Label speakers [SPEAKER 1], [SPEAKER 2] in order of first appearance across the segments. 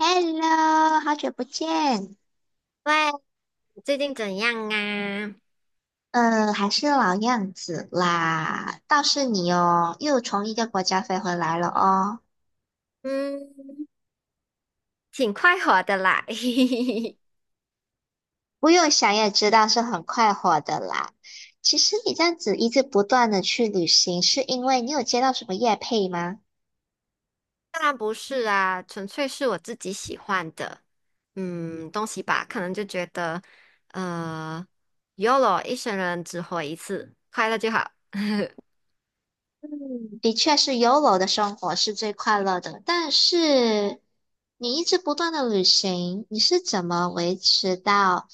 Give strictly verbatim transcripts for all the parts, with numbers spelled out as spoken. [SPEAKER 1] Hello，好久不见，
[SPEAKER 2] 喂，最近怎样啊？
[SPEAKER 1] 呃，还是老样子啦。倒是你哦，又从一个国家飞回来了哦。
[SPEAKER 2] 嗯，挺快活的啦。
[SPEAKER 1] 不用想也知道是很快活的啦。其实你这样子一直不断的去旅行，是因为你有接到什么业配吗？
[SPEAKER 2] 当然不是啊，纯粹是我自己喜欢的，嗯，东西吧，可能就觉得，呃，Y O L O 一生人只活一次，快乐就好。
[SPEAKER 1] 嗯，的确是 y o o 的生活是最快乐的，但是你一直不断的旅行，你是怎么维持到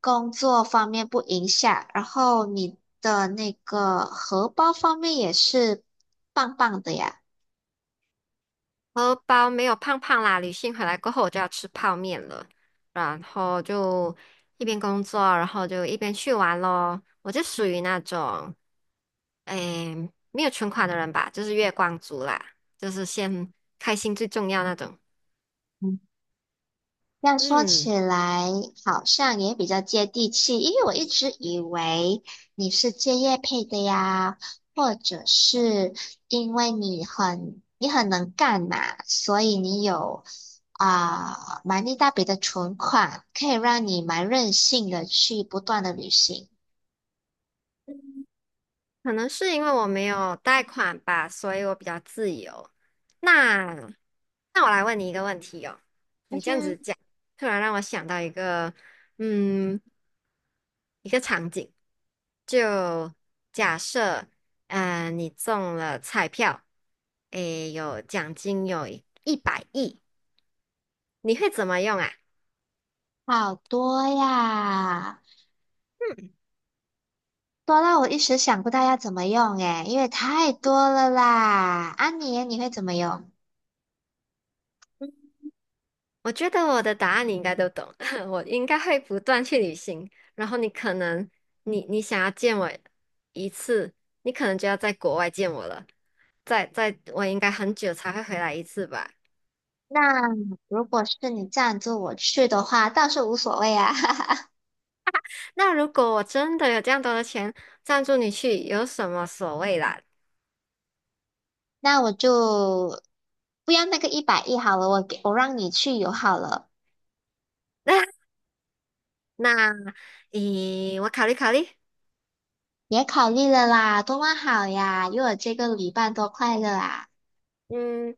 [SPEAKER 1] 工作方面不影响，然后你的那个荷包方面也是棒棒的呀？
[SPEAKER 2] 荷包没有胖胖啦，旅行回来过后我就要吃泡面了，然后就一边工作，然后就一边去玩咯。我就属于那种，诶，没有存款的人吧，就是月光族啦，就是先开心最重要那种。
[SPEAKER 1] 这样说
[SPEAKER 2] 嗯，
[SPEAKER 1] 起来，好像也比较接地气，因为我一直以为你是借业配的呀，或者是因为你很你很能干嘛，所以你有啊、蛮一大笔的存款，可以让你蛮任性的去不断的旅行。
[SPEAKER 2] 可能是因为我没有贷款吧，所以我比较自由。那那我来问你一个问题哦，
[SPEAKER 1] 嗯，
[SPEAKER 2] 你
[SPEAKER 1] 是。
[SPEAKER 2] 这样子讲，突然让我想到一个。嗯，一个场景，就假设，呃，你中了彩票，诶，有奖金有一百亿，你会怎么用啊？
[SPEAKER 1] 好多呀，多到我一时想不到要怎么用诶，因为太多了啦。安妮，你会怎么用？
[SPEAKER 2] 我觉得我的答案你应该都懂，我应该会不断去旅行，然后你可能，你你想要见我一次，你可能就要在国外见我了，在在我应该很久才会回来一次吧。
[SPEAKER 1] 那如果是你赞助我去的话，倒是无所谓啊。
[SPEAKER 2] 那如果我真的有这样多的钱，赞助你去，有什么所谓啦？
[SPEAKER 1] 那我就不要那个一百亿好了，我给我让你去游好了。
[SPEAKER 2] 那，咦，我考虑考虑，
[SPEAKER 1] 也考虑了啦，多么好呀，有我这个旅伴多快乐啊。
[SPEAKER 2] 嗯，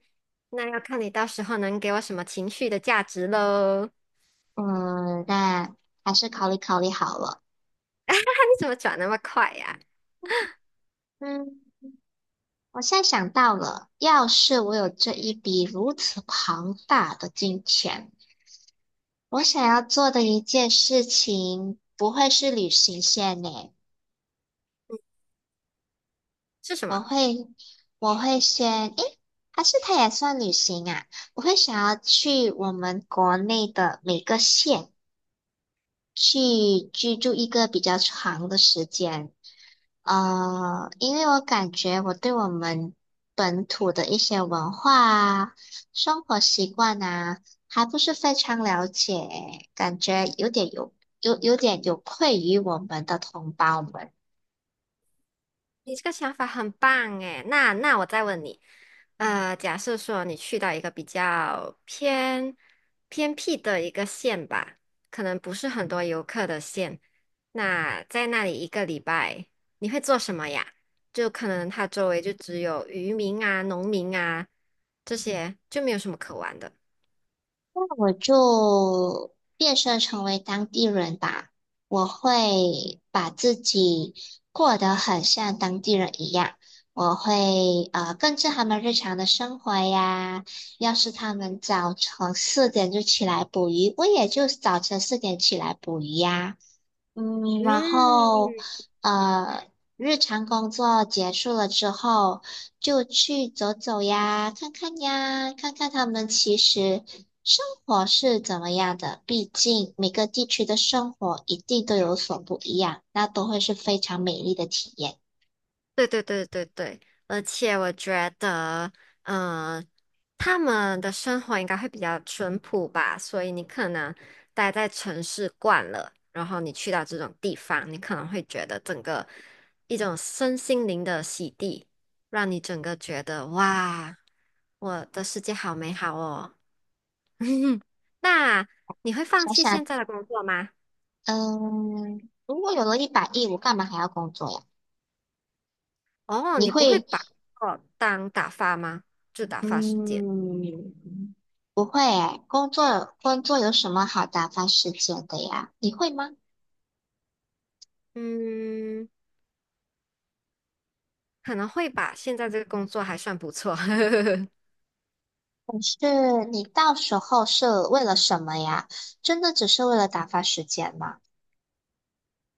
[SPEAKER 2] 那要看你到时候能给我什么情绪的价值喽。
[SPEAKER 1] 嗯，那还是考虑考虑好了。
[SPEAKER 2] 你怎么转那么快呀、
[SPEAKER 1] 嗯，我现在想到了，要是我有这一笔如此庞大的金钱，我想要做的一件事情不会是旅行线呢。
[SPEAKER 2] 是什
[SPEAKER 1] 我
[SPEAKER 2] 么？
[SPEAKER 1] 会，我会先，诶，还是它也算旅行啊？我会想要去我们国内的每个县去居住一个比较长的时间，呃，因为我感觉我对我们本土的一些文化啊、生活习惯啊，还不是非常了解，感觉有点有有有点有愧于我们的同胞们。
[SPEAKER 2] 你这个想法很棒诶，那那我再问你，呃，假设说你去到一个比较偏偏僻的一个县吧，可能不是很多游客的县，那在那里一个礼拜你会做什么呀？就可能它周围就只有渔民啊、农民啊这些，就没有什么可玩的。
[SPEAKER 1] 那我就变身成为当地人吧。我会把自己过得很像当地人一样，我会呃跟着他们日常的生活呀。要是他们早晨四点就起来捕鱼，我也就早晨四点起来捕鱼呀。嗯，然
[SPEAKER 2] 嗯，
[SPEAKER 1] 后呃，日常工作结束了之后，就去走走呀，看看呀，看看他们其实生活是怎么样的。毕竟每个地区的生活一定都有所不一样，那都会是非常美丽的体验。
[SPEAKER 2] 对对对对对，而且我觉得，嗯、他们的生活应该会比较淳朴吧，所以你可能待在城市惯了，然后你去到这种地方，你可能会觉得整个一种身心灵的洗涤，让你整个觉得哇，我的世界好美好哦。那你会放
[SPEAKER 1] 想
[SPEAKER 2] 弃现
[SPEAKER 1] 想，
[SPEAKER 2] 在的工作吗？
[SPEAKER 1] 嗯，如果有了一百亿，我干嘛还要工作呀？
[SPEAKER 2] 哦，
[SPEAKER 1] 你
[SPEAKER 2] 你不会
[SPEAKER 1] 会。
[SPEAKER 2] 把工作当打发吗？就打发时间。
[SPEAKER 1] 嗯，不会诶，工作工作有什么好打发时间的呀？你会吗？
[SPEAKER 2] 嗯，可能会吧，现在这个工作还算不错。
[SPEAKER 1] 是你到时候是为了什么呀？真的只是为了打发时间吗？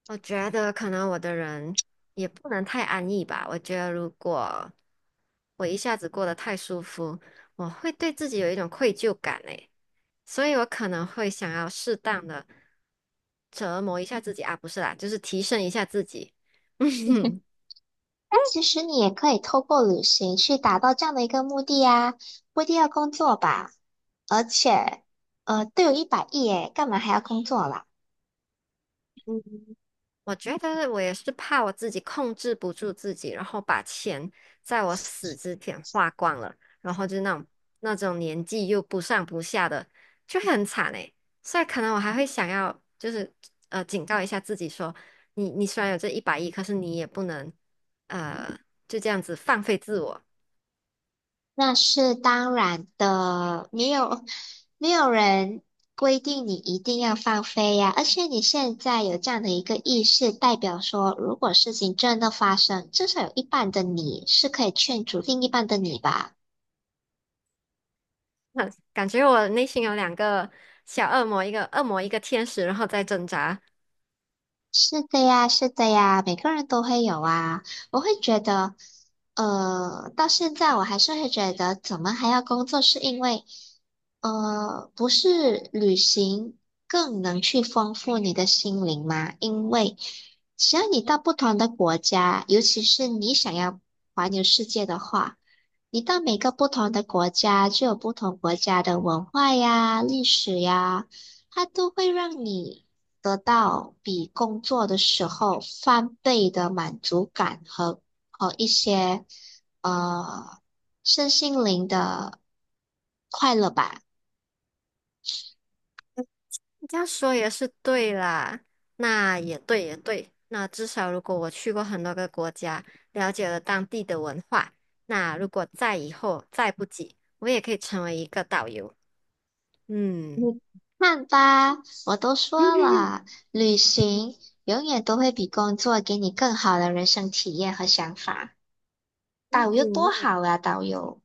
[SPEAKER 2] 我觉得可能我的人也不能太安逸吧。我觉得如果我一下子过得太舒服，我会对自己有一种愧疚感诶，所以我可能会想要适当的折磨一下自己啊，不是啦，就是提升一下自己。
[SPEAKER 1] 那其实你也可以透过旅行去达到这样的一个目的呀，不一定要工作吧？而且，呃，都有一百亿诶，干嘛还要工作啦？
[SPEAKER 2] 嗯我觉得我也是怕我自己控制不住自己，然后把钱在我死之前花光了，然后就那种那种年纪又不上不下的，就会很惨诶。所以可能我还会想要，就是呃，警告一下自己说，你你虽然有这一百亿，可是你也不能呃就这样子放飞自我。
[SPEAKER 1] 那是当然的，没有没有人规定你一定要放飞呀。而且你现在有这样的一个意识，代表说，如果事情真的发生，至少有一半的你是可以劝阻另一半的你吧。
[SPEAKER 2] 那感觉我内心有两个小恶魔，一个恶魔，一个天使，然后在挣扎。
[SPEAKER 1] 是的呀，是的呀，每个人都会有啊。我会觉得，呃，到现在我还是会觉得，怎么还要工作？是因为，呃，不是旅行更能去丰富你的心灵吗？因为只要你到不同的国家，尤其是你想要环游世界的话，你到每个不同的国家，就有不同国家的文化呀、历史呀。它都会让你得到比工作的时候翻倍的满足感和和一些呃身心灵的快乐吧。
[SPEAKER 2] 这样说也是对啦，那也对也对。那至少如果我去过很多个国家，了解了当地的文化，那如果再以后再不济，我也可以成为一个导游。嗯
[SPEAKER 1] 你看吧，我都说 了，旅行永远都会比工作给你更好的人生体验和想法。
[SPEAKER 2] 嗯，
[SPEAKER 1] 导游多
[SPEAKER 2] 那也
[SPEAKER 1] 好啊，导游。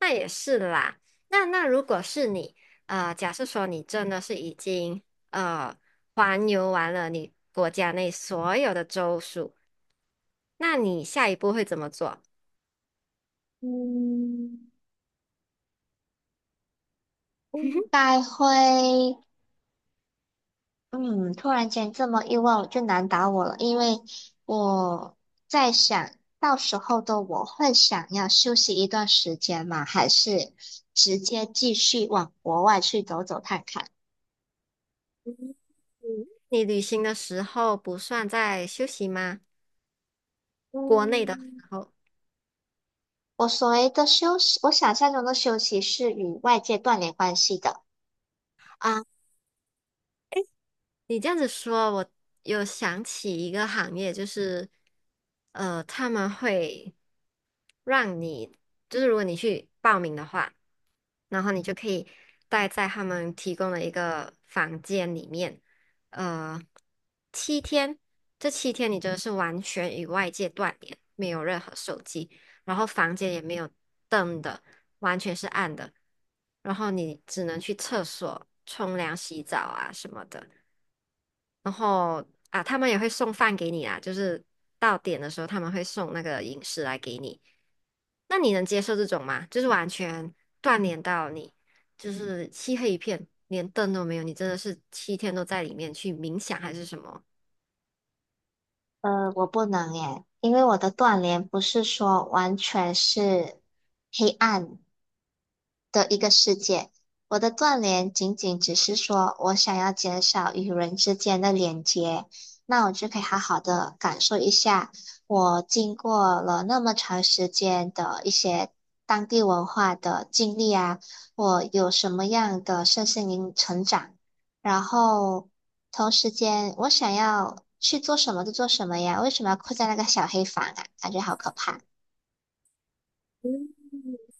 [SPEAKER 2] 那也是啦。那那如果是你，呃，假设说你真的是已经呃环游完了你国家内所有的州属，那你下一步会怎么做？
[SPEAKER 1] 嗯，应该会。嗯，突然间这么意外，我就难倒我了，因为我在想到时候的我会想要休息一段时间吗？还是直接继续往国外去走走看看？
[SPEAKER 2] 你旅行的时候不算在休息吗？国内的时
[SPEAKER 1] 嗯，
[SPEAKER 2] 候
[SPEAKER 1] 我所谓的休息，我想象中的休息是与外界断联关系的。
[SPEAKER 2] 啊，你这样子说，我有想起一个行业，就是呃，他们会让你，就是如果你去报名的话，然后你就可以待在他们提供的一个房间里面，呃，七天，这七天你真的是完全与外界断联，没有任何手机。然后房间也没有灯的，完全是暗的，然后你只能去厕所冲凉、洗澡啊什么的。然后啊，他们也会送饭给你啊，就是到点的时候他们会送那个饮食来给你。那你能接受这种吗？就是完全断联到你，就是漆黑一片，连灯都没有，你真的是七天都在里面去冥想还是什么？
[SPEAKER 1] 呃，我不能耶，因为我的断联不是说完全是。黑暗，的一个世界。我的断联仅仅只是说我想要减少与人之间的连接，那我就可以好好的感受一下我经过了那么长时间的一些当地文化的经历啊，我有什么样的身心灵成长，然后同时间我想要去做什么就做什么呀，为什么要困在那个小黑房啊？感觉好可怕。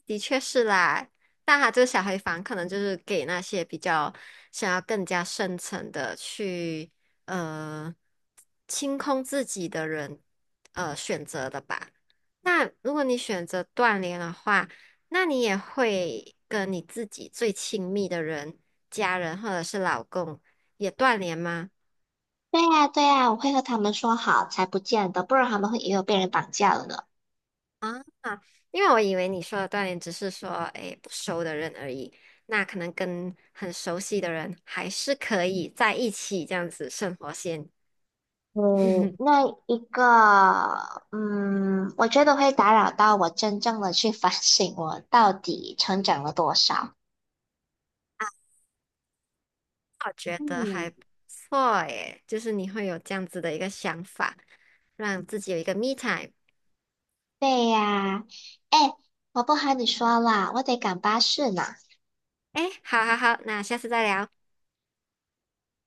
[SPEAKER 2] 的确是啦，但他这个小黑房可能就是给那些比较想要更加深层的去呃清空自己的人呃选择的吧。那如果你选择断联的话，那你也会跟你自己最亲密的人、家人或者是老公也断联吗？
[SPEAKER 1] 对呀，对呀，我会和他们说好，才不见得，不然他们会以为我被人绑架了呢。
[SPEAKER 2] 啊，因为我以为你说的锻炼只是说，哎，不熟的人而已，那可能跟很熟悉的人还是可以在一起这样子生活先。
[SPEAKER 1] 嗯，那一个，嗯，我觉得会打扰到我真正的去反省我到底成长了多少。
[SPEAKER 2] 我觉得还
[SPEAKER 1] 嗯，
[SPEAKER 2] 不错耶，就是你会有这样子的一个想法，让自己有一个 me time。
[SPEAKER 1] 对呀，哎，我不和你说了，我得赶巴士呢。
[SPEAKER 2] 哎，好好好，那下次再聊。